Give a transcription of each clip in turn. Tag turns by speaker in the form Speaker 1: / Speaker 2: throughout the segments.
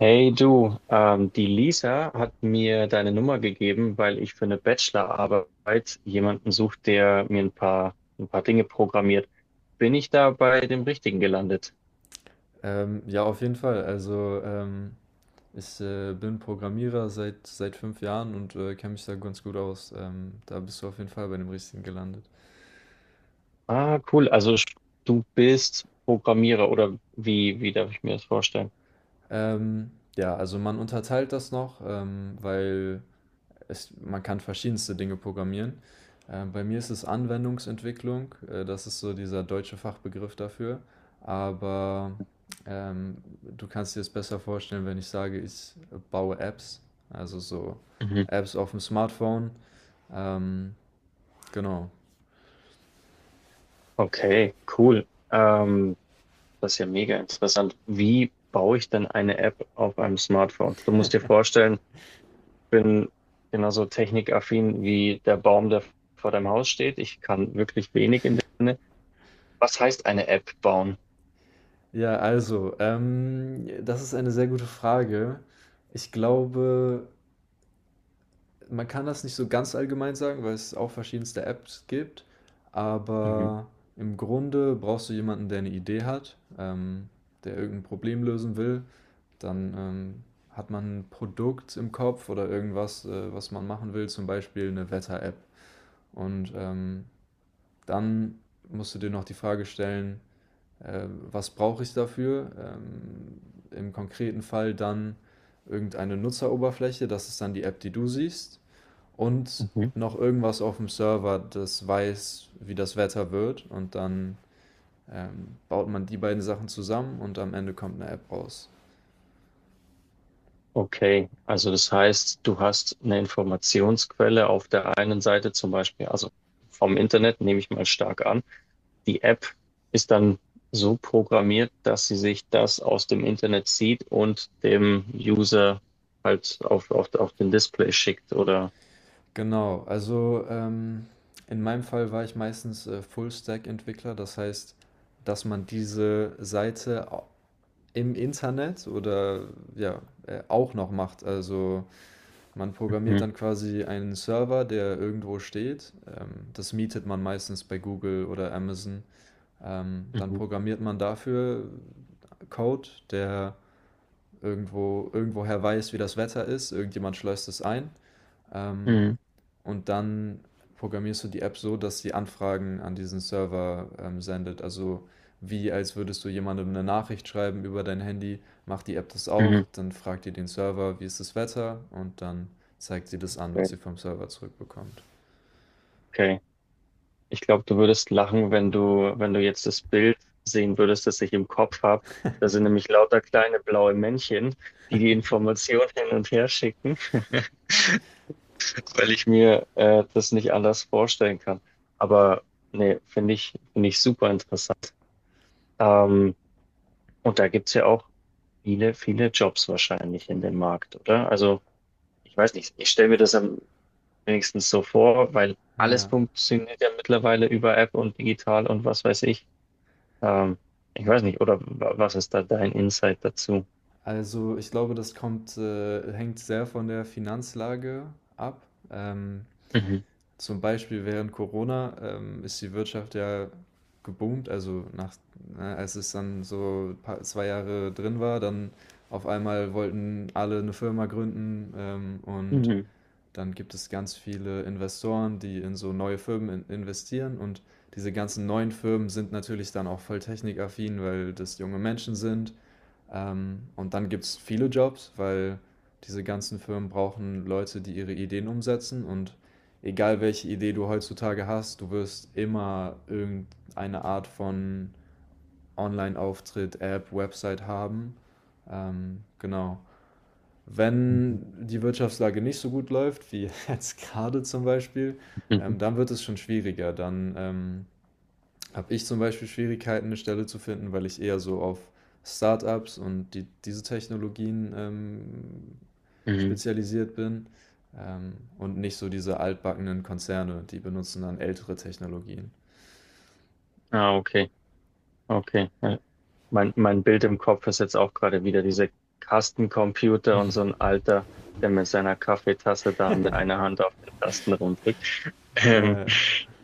Speaker 1: Hey du, die Lisa hat mir deine Nummer gegeben, weil ich für eine Bachelorarbeit jemanden suche, der mir ein paar Dinge programmiert. Bin ich da bei dem Richtigen gelandet?
Speaker 2: Ja, auf jeden Fall. Ich bin Programmierer seit 5 Jahren und kenne mich da ganz gut aus. Da bist du auf jeden Fall bei dem Richtigen gelandet.
Speaker 1: Ah, cool. Du bist Programmierer oder wie darf ich mir das vorstellen?
Speaker 2: Ja, also man unterteilt das noch, man kann verschiedenste Dinge programmieren. Bei mir ist es Anwendungsentwicklung, das ist so dieser deutsche Fachbegriff dafür. Aber ähm, du kannst dir es besser vorstellen, wenn ich sage, ich baue Apps, also so
Speaker 1: Mhm.
Speaker 2: Apps auf dem Smartphone. Ähm, genau.
Speaker 1: Okay, cool. Das ist ja mega interessant. Wie baue ich denn eine App auf einem Smartphone? Du musst dir vorstellen, bin genauso technikaffin wie der Baum, der vor deinem Haus steht. Ich kann wirklich wenig in dem Sinne. Was heißt eine App bauen?
Speaker 2: Ja, also das ist eine sehr gute Frage. Ich glaube, man kann das nicht so ganz allgemein sagen, weil es auch verschiedenste Apps gibt.
Speaker 1: Mhm.
Speaker 2: Aber im Grunde brauchst du jemanden, der eine Idee hat, der irgendein Problem lösen will. Dann hat man ein Produkt im Kopf oder irgendwas, was man machen will, zum Beispiel eine Wetter-App. Und dann musst du dir noch die Frage stellen, was brauche ich dafür? Im konkreten Fall dann irgendeine Nutzeroberfläche, das ist dann die App, die du siehst, und
Speaker 1: Mhm.
Speaker 2: noch irgendwas auf dem Server, das weiß, wie das Wetter wird, und dann baut man die beiden Sachen zusammen, und am Ende kommt eine App raus.
Speaker 1: Okay, also das heißt, du hast eine Informationsquelle auf der einen Seite zum Beispiel, also vom Internet nehme ich mal stark an. Die App ist dann so programmiert, dass sie sich das aus dem Internet zieht und dem User halt auf den Display schickt oder.
Speaker 2: Genau, in meinem Fall war ich meistens Full-Stack-Entwickler, das heißt, dass man diese Seite im Internet oder ja, auch noch macht. Also man programmiert
Speaker 1: Mhm.
Speaker 2: dann quasi einen Server, der irgendwo steht. Das mietet man meistens bei Google oder Amazon. Dann
Speaker 1: Mhm.
Speaker 2: programmiert man dafür Code, der irgendwoher weiß, wie das Wetter ist. Irgendjemand schleust es ein. Ähm,
Speaker 1: Mhm.
Speaker 2: und dann programmierst du die App so, dass sie Anfragen an diesen Server sendet. Also wie als würdest du jemandem eine Nachricht schreiben über dein Handy, macht die App das auch,
Speaker 1: Mhm.
Speaker 2: dann fragt ihr den Server, wie ist das Wetter, und dann zeigt sie das an, was sie vom Server zurückbekommt.
Speaker 1: Okay. Ich glaube, du würdest lachen, wenn du, wenn du jetzt das Bild sehen würdest, das ich im Kopf habe. Da sind nämlich lauter kleine blaue Männchen, die die Information hin und her schicken, weil ich mir das nicht anders vorstellen kann. Aber nee, finde ich super interessant. Ähm, und da gibt's ja auch viele, viele Jobs wahrscheinlich in dem Markt, oder? Also ich weiß nicht, ich stelle mir das am wenigstens so vor, weil alles
Speaker 2: Ja,
Speaker 1: funktioniert ja mittlerweile über App und digital und was weiß ich. Ähm, ich weiß nicht, oder was ist da dein Insight dazu?
Speaker 2: also ich glaube, das hängt sehr von der Finanzlage ab. Ähm,
Speaker 1: Mhm.
Speaker 2: Zum Beispiel während Corona, ist die Wirtschaft ja geboomt, also nach, ne, als es dann so pa 2 Jahre drin war, dann auf einmal wollten alle eine Firma gründen, und
Speaker 1: Mhm.
Speaker 2: dann gibt es ganz viele Investoren, die in so neue Firmen in investieren, und diese ganzen neuen Firmen sind natürlich dann auch voll technikaffin, weil das junge Menschen sind. Und dann gibt's viele Jobs, weil diese ganzen Firmen brauchen Leute, die ihre Ideen umsetzen. Und egal welche Idee du heutzutage hast, du wirst immer irgendeine Art von Online-Auftritt, App, Website haben. Genau.
Speaker 1: Mhm.
Speaker 2: Wenn die Wirtschaftslage nicht so gut läuft, wie jetzt gerade zum Beispiel,
Speaker 1: Mhm.
Speaker 2: dann wird es schon schwieriger. Dann habe ich zum Beispiel Schwierigkeiten, eine Stelle zu finden, weil ich eher so auf Startups und diese Technologien
Speaker 1: Mhm.
Speaker 2: spezialisiert bin, und nicht so diese altbackenen Konzerne, die benutzen dann ältere Technologien.
Speaker 1: Ah, okay. Okay. Ja. Mein Bild im Kopf ist jetzt auch gerade wieder diese Kastencomputer und so ein Alter, der mit seiner Kaffeetasse da mit einer Hand auf den Tasten rumdrückt. Ähm,
Speaker 2: Ja,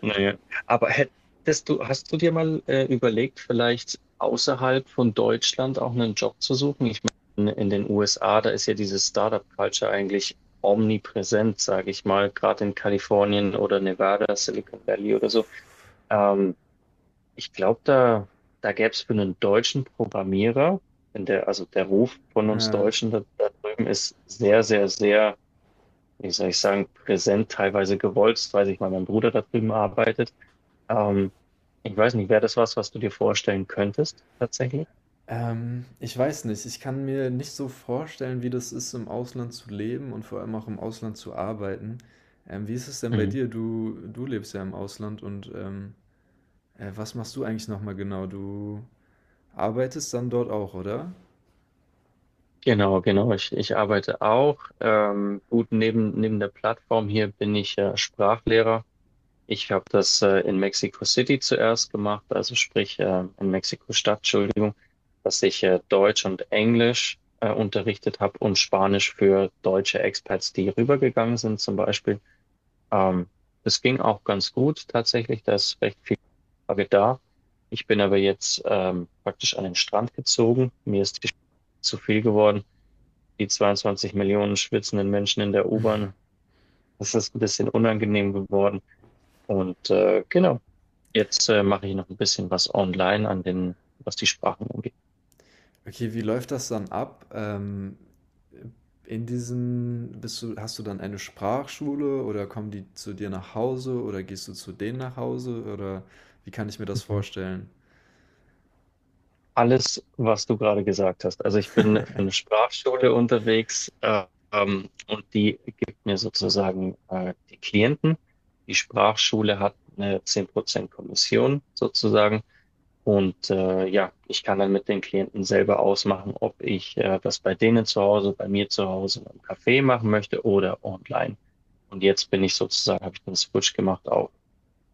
Speaker 1: naja, aber hast du dir mal überlegt, vielleicht außerhalb von Deutschland auch einen Job zu suchen? Ich meine, in den USA, da ist ja diese Startup-Culture eigentlich omnipräsent, sage ich mal, gerade in Kalifornien oder Nevada, Silicon Valley oder so. Ähm, ich glaube, da gäbe es für einen deutschen Programmierer, wenn der, also der Ruf von uns
Speaker 2: ja.
Speaker 1: Deutschen da drüben ist sehr, sehr, sehr wie soll ich sagen, präsent, teilweise gewollt, weil ich mal mein Bruder da drüben arbeitet. Ähm, ich weiß nicht, wäre das was, was du dir vorstellen könntest, tatsächlich?
Speaker 2: Ich weiß nicht, ich kann mir nicht so vorstellen, wie das ist, im Ausland zu leben und vor allem auch im Ausland zu arbeiten. Wie ist es denn bei
Speaker 1: Mhm.
Speaker 2: dir? Du lebst ja im Ausland, und was machst du eigentlich nochmal genau? Du arbeitest dann dort auch, oder?
Speaker 1: Genau, genau. Ich arbeite auch. Gut, neben der Plattform hier bin ich Sprachlehrer. Ich habe das in Mexico City zuerst gemacht, also sprich in Mexiko-Stadt, Entschuldigung, dass ich Deutsch und Englisch unterrichtet habe und Spanisch für deutsche Expats, die rübergegangen sind zum Beispiel. Ähm, das ging auch ganz gut tatsächlich, da ist recht viel Frage da. Ich bin aber jetzt praktisch an den Strand gezogen. Mir ist die zu viel geworden. Die 22 Millionen schwitzenden Menschen in der U-Bahn, das ist ein bisschen unangenehm geworden. Und genau, jetzt mache ich noch ein bisschen was online an den, was die Sprachen angeht.
Speaker 2: Okay, wie läuft das dann ab? In diesen, bist du, hast du dann eine Sprachschule, oder kommen die zu dir nach Hause, oder gehst du zu denen nach Hause, oder wie kann ich mir das
Speaker 1: Mhm.
Speaker 2: vorstellen?
Speaker 1: Alles, was du gerade gesagt hast. Also ich bin für eine Sprachschule unterwegs, und die gibt mir sozusagen die Klienten. Die Sprachschule hat eine 10% Kommission sozusagen. Und ja, ich kann dann mit den Klienten selber ausmachen, ob ich das bei denen zu Hause, bei mir zu Hause im Café machen möchte oder online. Und jetzt bin ich sozusagen, habe ich den Switch gemacht auf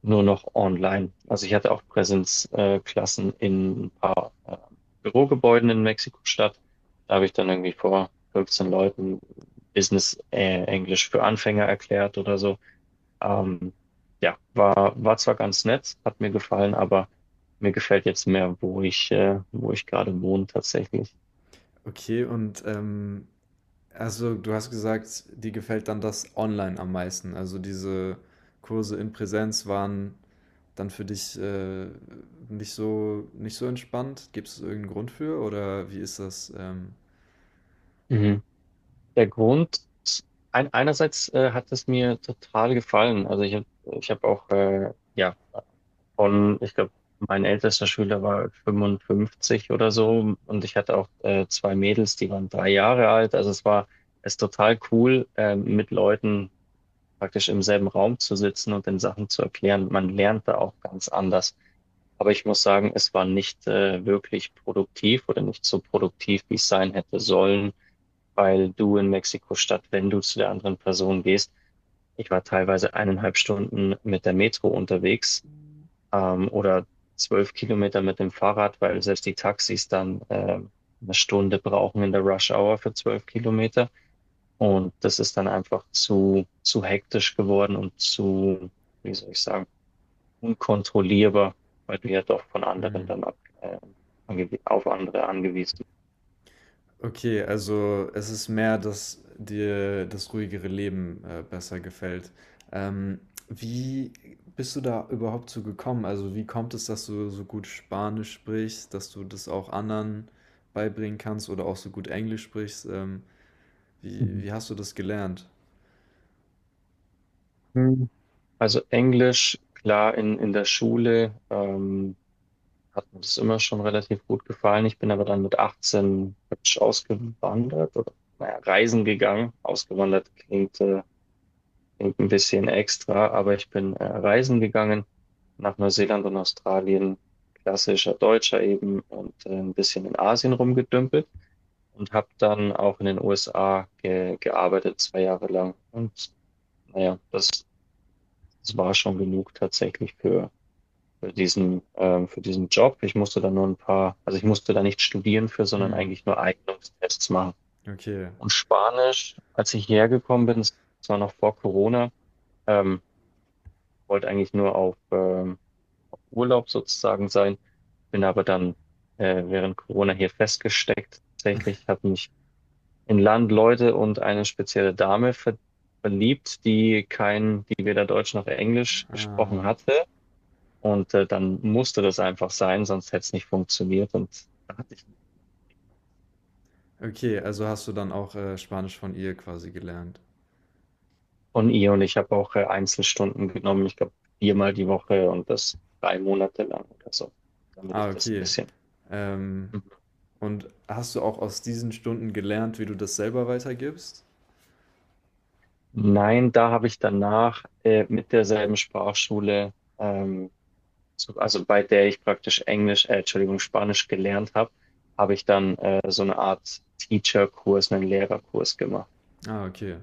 Speaker 1: nur noch online. Also ich hatte auch Präsenzklassen in ein paar Bürogebäuden in Mexiko-Stadt. Da habe ich dann irgendwie vor 15 Leuten Business Englisch für Anfänger erklärt oder so. Ähm, ja, war, war zwar ganz nett, hat mir gefallen, aber mir gefällt jetzt mehr, wo ich gerade wohne tatsächlich.
Speaker 2: Okay, also du hast gesagt, dir gefällt dann das online am meisten. Also diese Kurse in Präsenz waren dann für dich nicht so entspannt. Gibt es irgendeinen Grund für, oder wie ist das?
Speaker 1: Mhm. Der Grund, einerseits hat es mir total gefallen. Also ich habe ich hab auch ja, von, ich glaube, mein ältester Schüler war 55 oder so und ich hatte auch zwei Mädels, die waren 3 Jahre alt. Also es ist total cool, mit Leuten praktisch im selben Raum zu sitzen und den Sachen zu erklären. Man lernt da auch ganz anders. Aber ich muss sagen, es war nicht wirklich produktiv oder nicht so produktiv, wie es sein hätte sollen, weil du in Mexiko-Stadt, wenn du zu der anderen Person gehst, ich war teilweise 1,5 Stunden mit der Metro unterwegs oder 12 Kilometer mit dem Fahrrad, weil selbst die Taxis dann eine Stunde brauchen in der Rush Hour für 12 Kilometer. Und das ist dann einfach zu hektisch geworden und zu, wie soll ich sagen, unkontrollierbar, weil du ja doch von anderen
Speaker 2: Hm.
Speaker 1: dann auf andere angewiesen bist.
Speaker 2: Okay, also es ist mehr, dass dir das ruhigere Leben besser gefällt. Ähm, Wie bist du da überhaupt zu gekommen? Also wie kommt es, dass du so gut Spanisch sprichst, dass du das auch anderen beibringen kannst, oder auch so gut Englisch sprichst?
Speaker 1: Mhm.
Speaker 2: Wie hast du das gelernt?
Speaker 1: Mhm. Also Englisch, klar, in der Schule. Hat mir das immer schon relativ gut gefallen. Ich bin aber dann mit 18 praktisch ausgewandert oder naja, reisen gegangen. Ausgewandert klingt, klingt ein bisschen extra, aber ich bin reisen gegangen nach Neuseeland und Australien, klassischer Deutscher eben und ein bisschen in Asien rumgedümpelt und habe dann auch in den USA ge gearbeitet, 2 Jahre lang. Und naja, das war schon genug tatsächlich für diesen Job. Ich musste da nur ein paar, also ich musste da nicht studieren für, sondern
Speaker 2: Hm,
Speaker 1: eigentlich nur Eignungstests machen.
Speaker 2: okay.
Speaker 1: Und Spanisch, als ich hierher gekommen bin, das war noch vor Corona, ähm, wollte eigentlich nur auf Urlaub sozusagen sein, bin aber dann während Corona hier festgesteckt. Tatsächlich hat mich in Land Leute und eine spezielle Dame verliebt, die kein, die weder Deutsch noch Englisch
Speaker 2: Ah,
Speaker 1: gesprochen hatte. Und dann musste das einfach sein, sonst hätte es nicht funktioniert. Und da hatte ich
Speaker 2: okay, also hast du dann auch Spanisch von ihr quasi gelernt.
Speaker 1: von ihr und ich habe auch Einzelstunden genommen, ich glaube viermal die Woche und das 3 Monate lang oder so, damit
Speaker 2: Ah,
Speaker 1: ich das ein
Speaker 2: okay.
Speaker 1: bisschen.
Speaker 2: Ähm,
Speaker 1: Mhm.
Speaker 2: und hast du auch aus diesen Stunden gelernt, wie du das selber weitergibst?
Speaker 1: Nein, da habe ich danach mit derselben Sprachschule, so, also bei der ich praktisch Englisch, Entschuldigung, Spanisch gelernt habe, habe ich dann so eine Art Teacher-Kurs, einen Lehrerkurs gemacht.
Speaker 2: Ah, okay.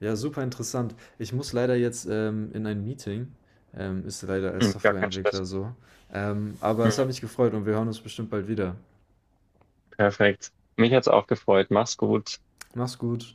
Speaker 2: Ja, super interessant. Ich muss leider jetzt in ein Meeting. Ist leider als
Speaker 1: Mhm, gar kein Stress.
Speaker 2: Softwareentwickler so. Aber es hat
Speaker 1: Mhm,
Speaker 2: mich gefreut, und wir hören uns bestimmt bald wieder.
Speaker 1: perfekt. Mich hat's auch gefreut. Mach's gut.
Speaker 2: Mach's gut.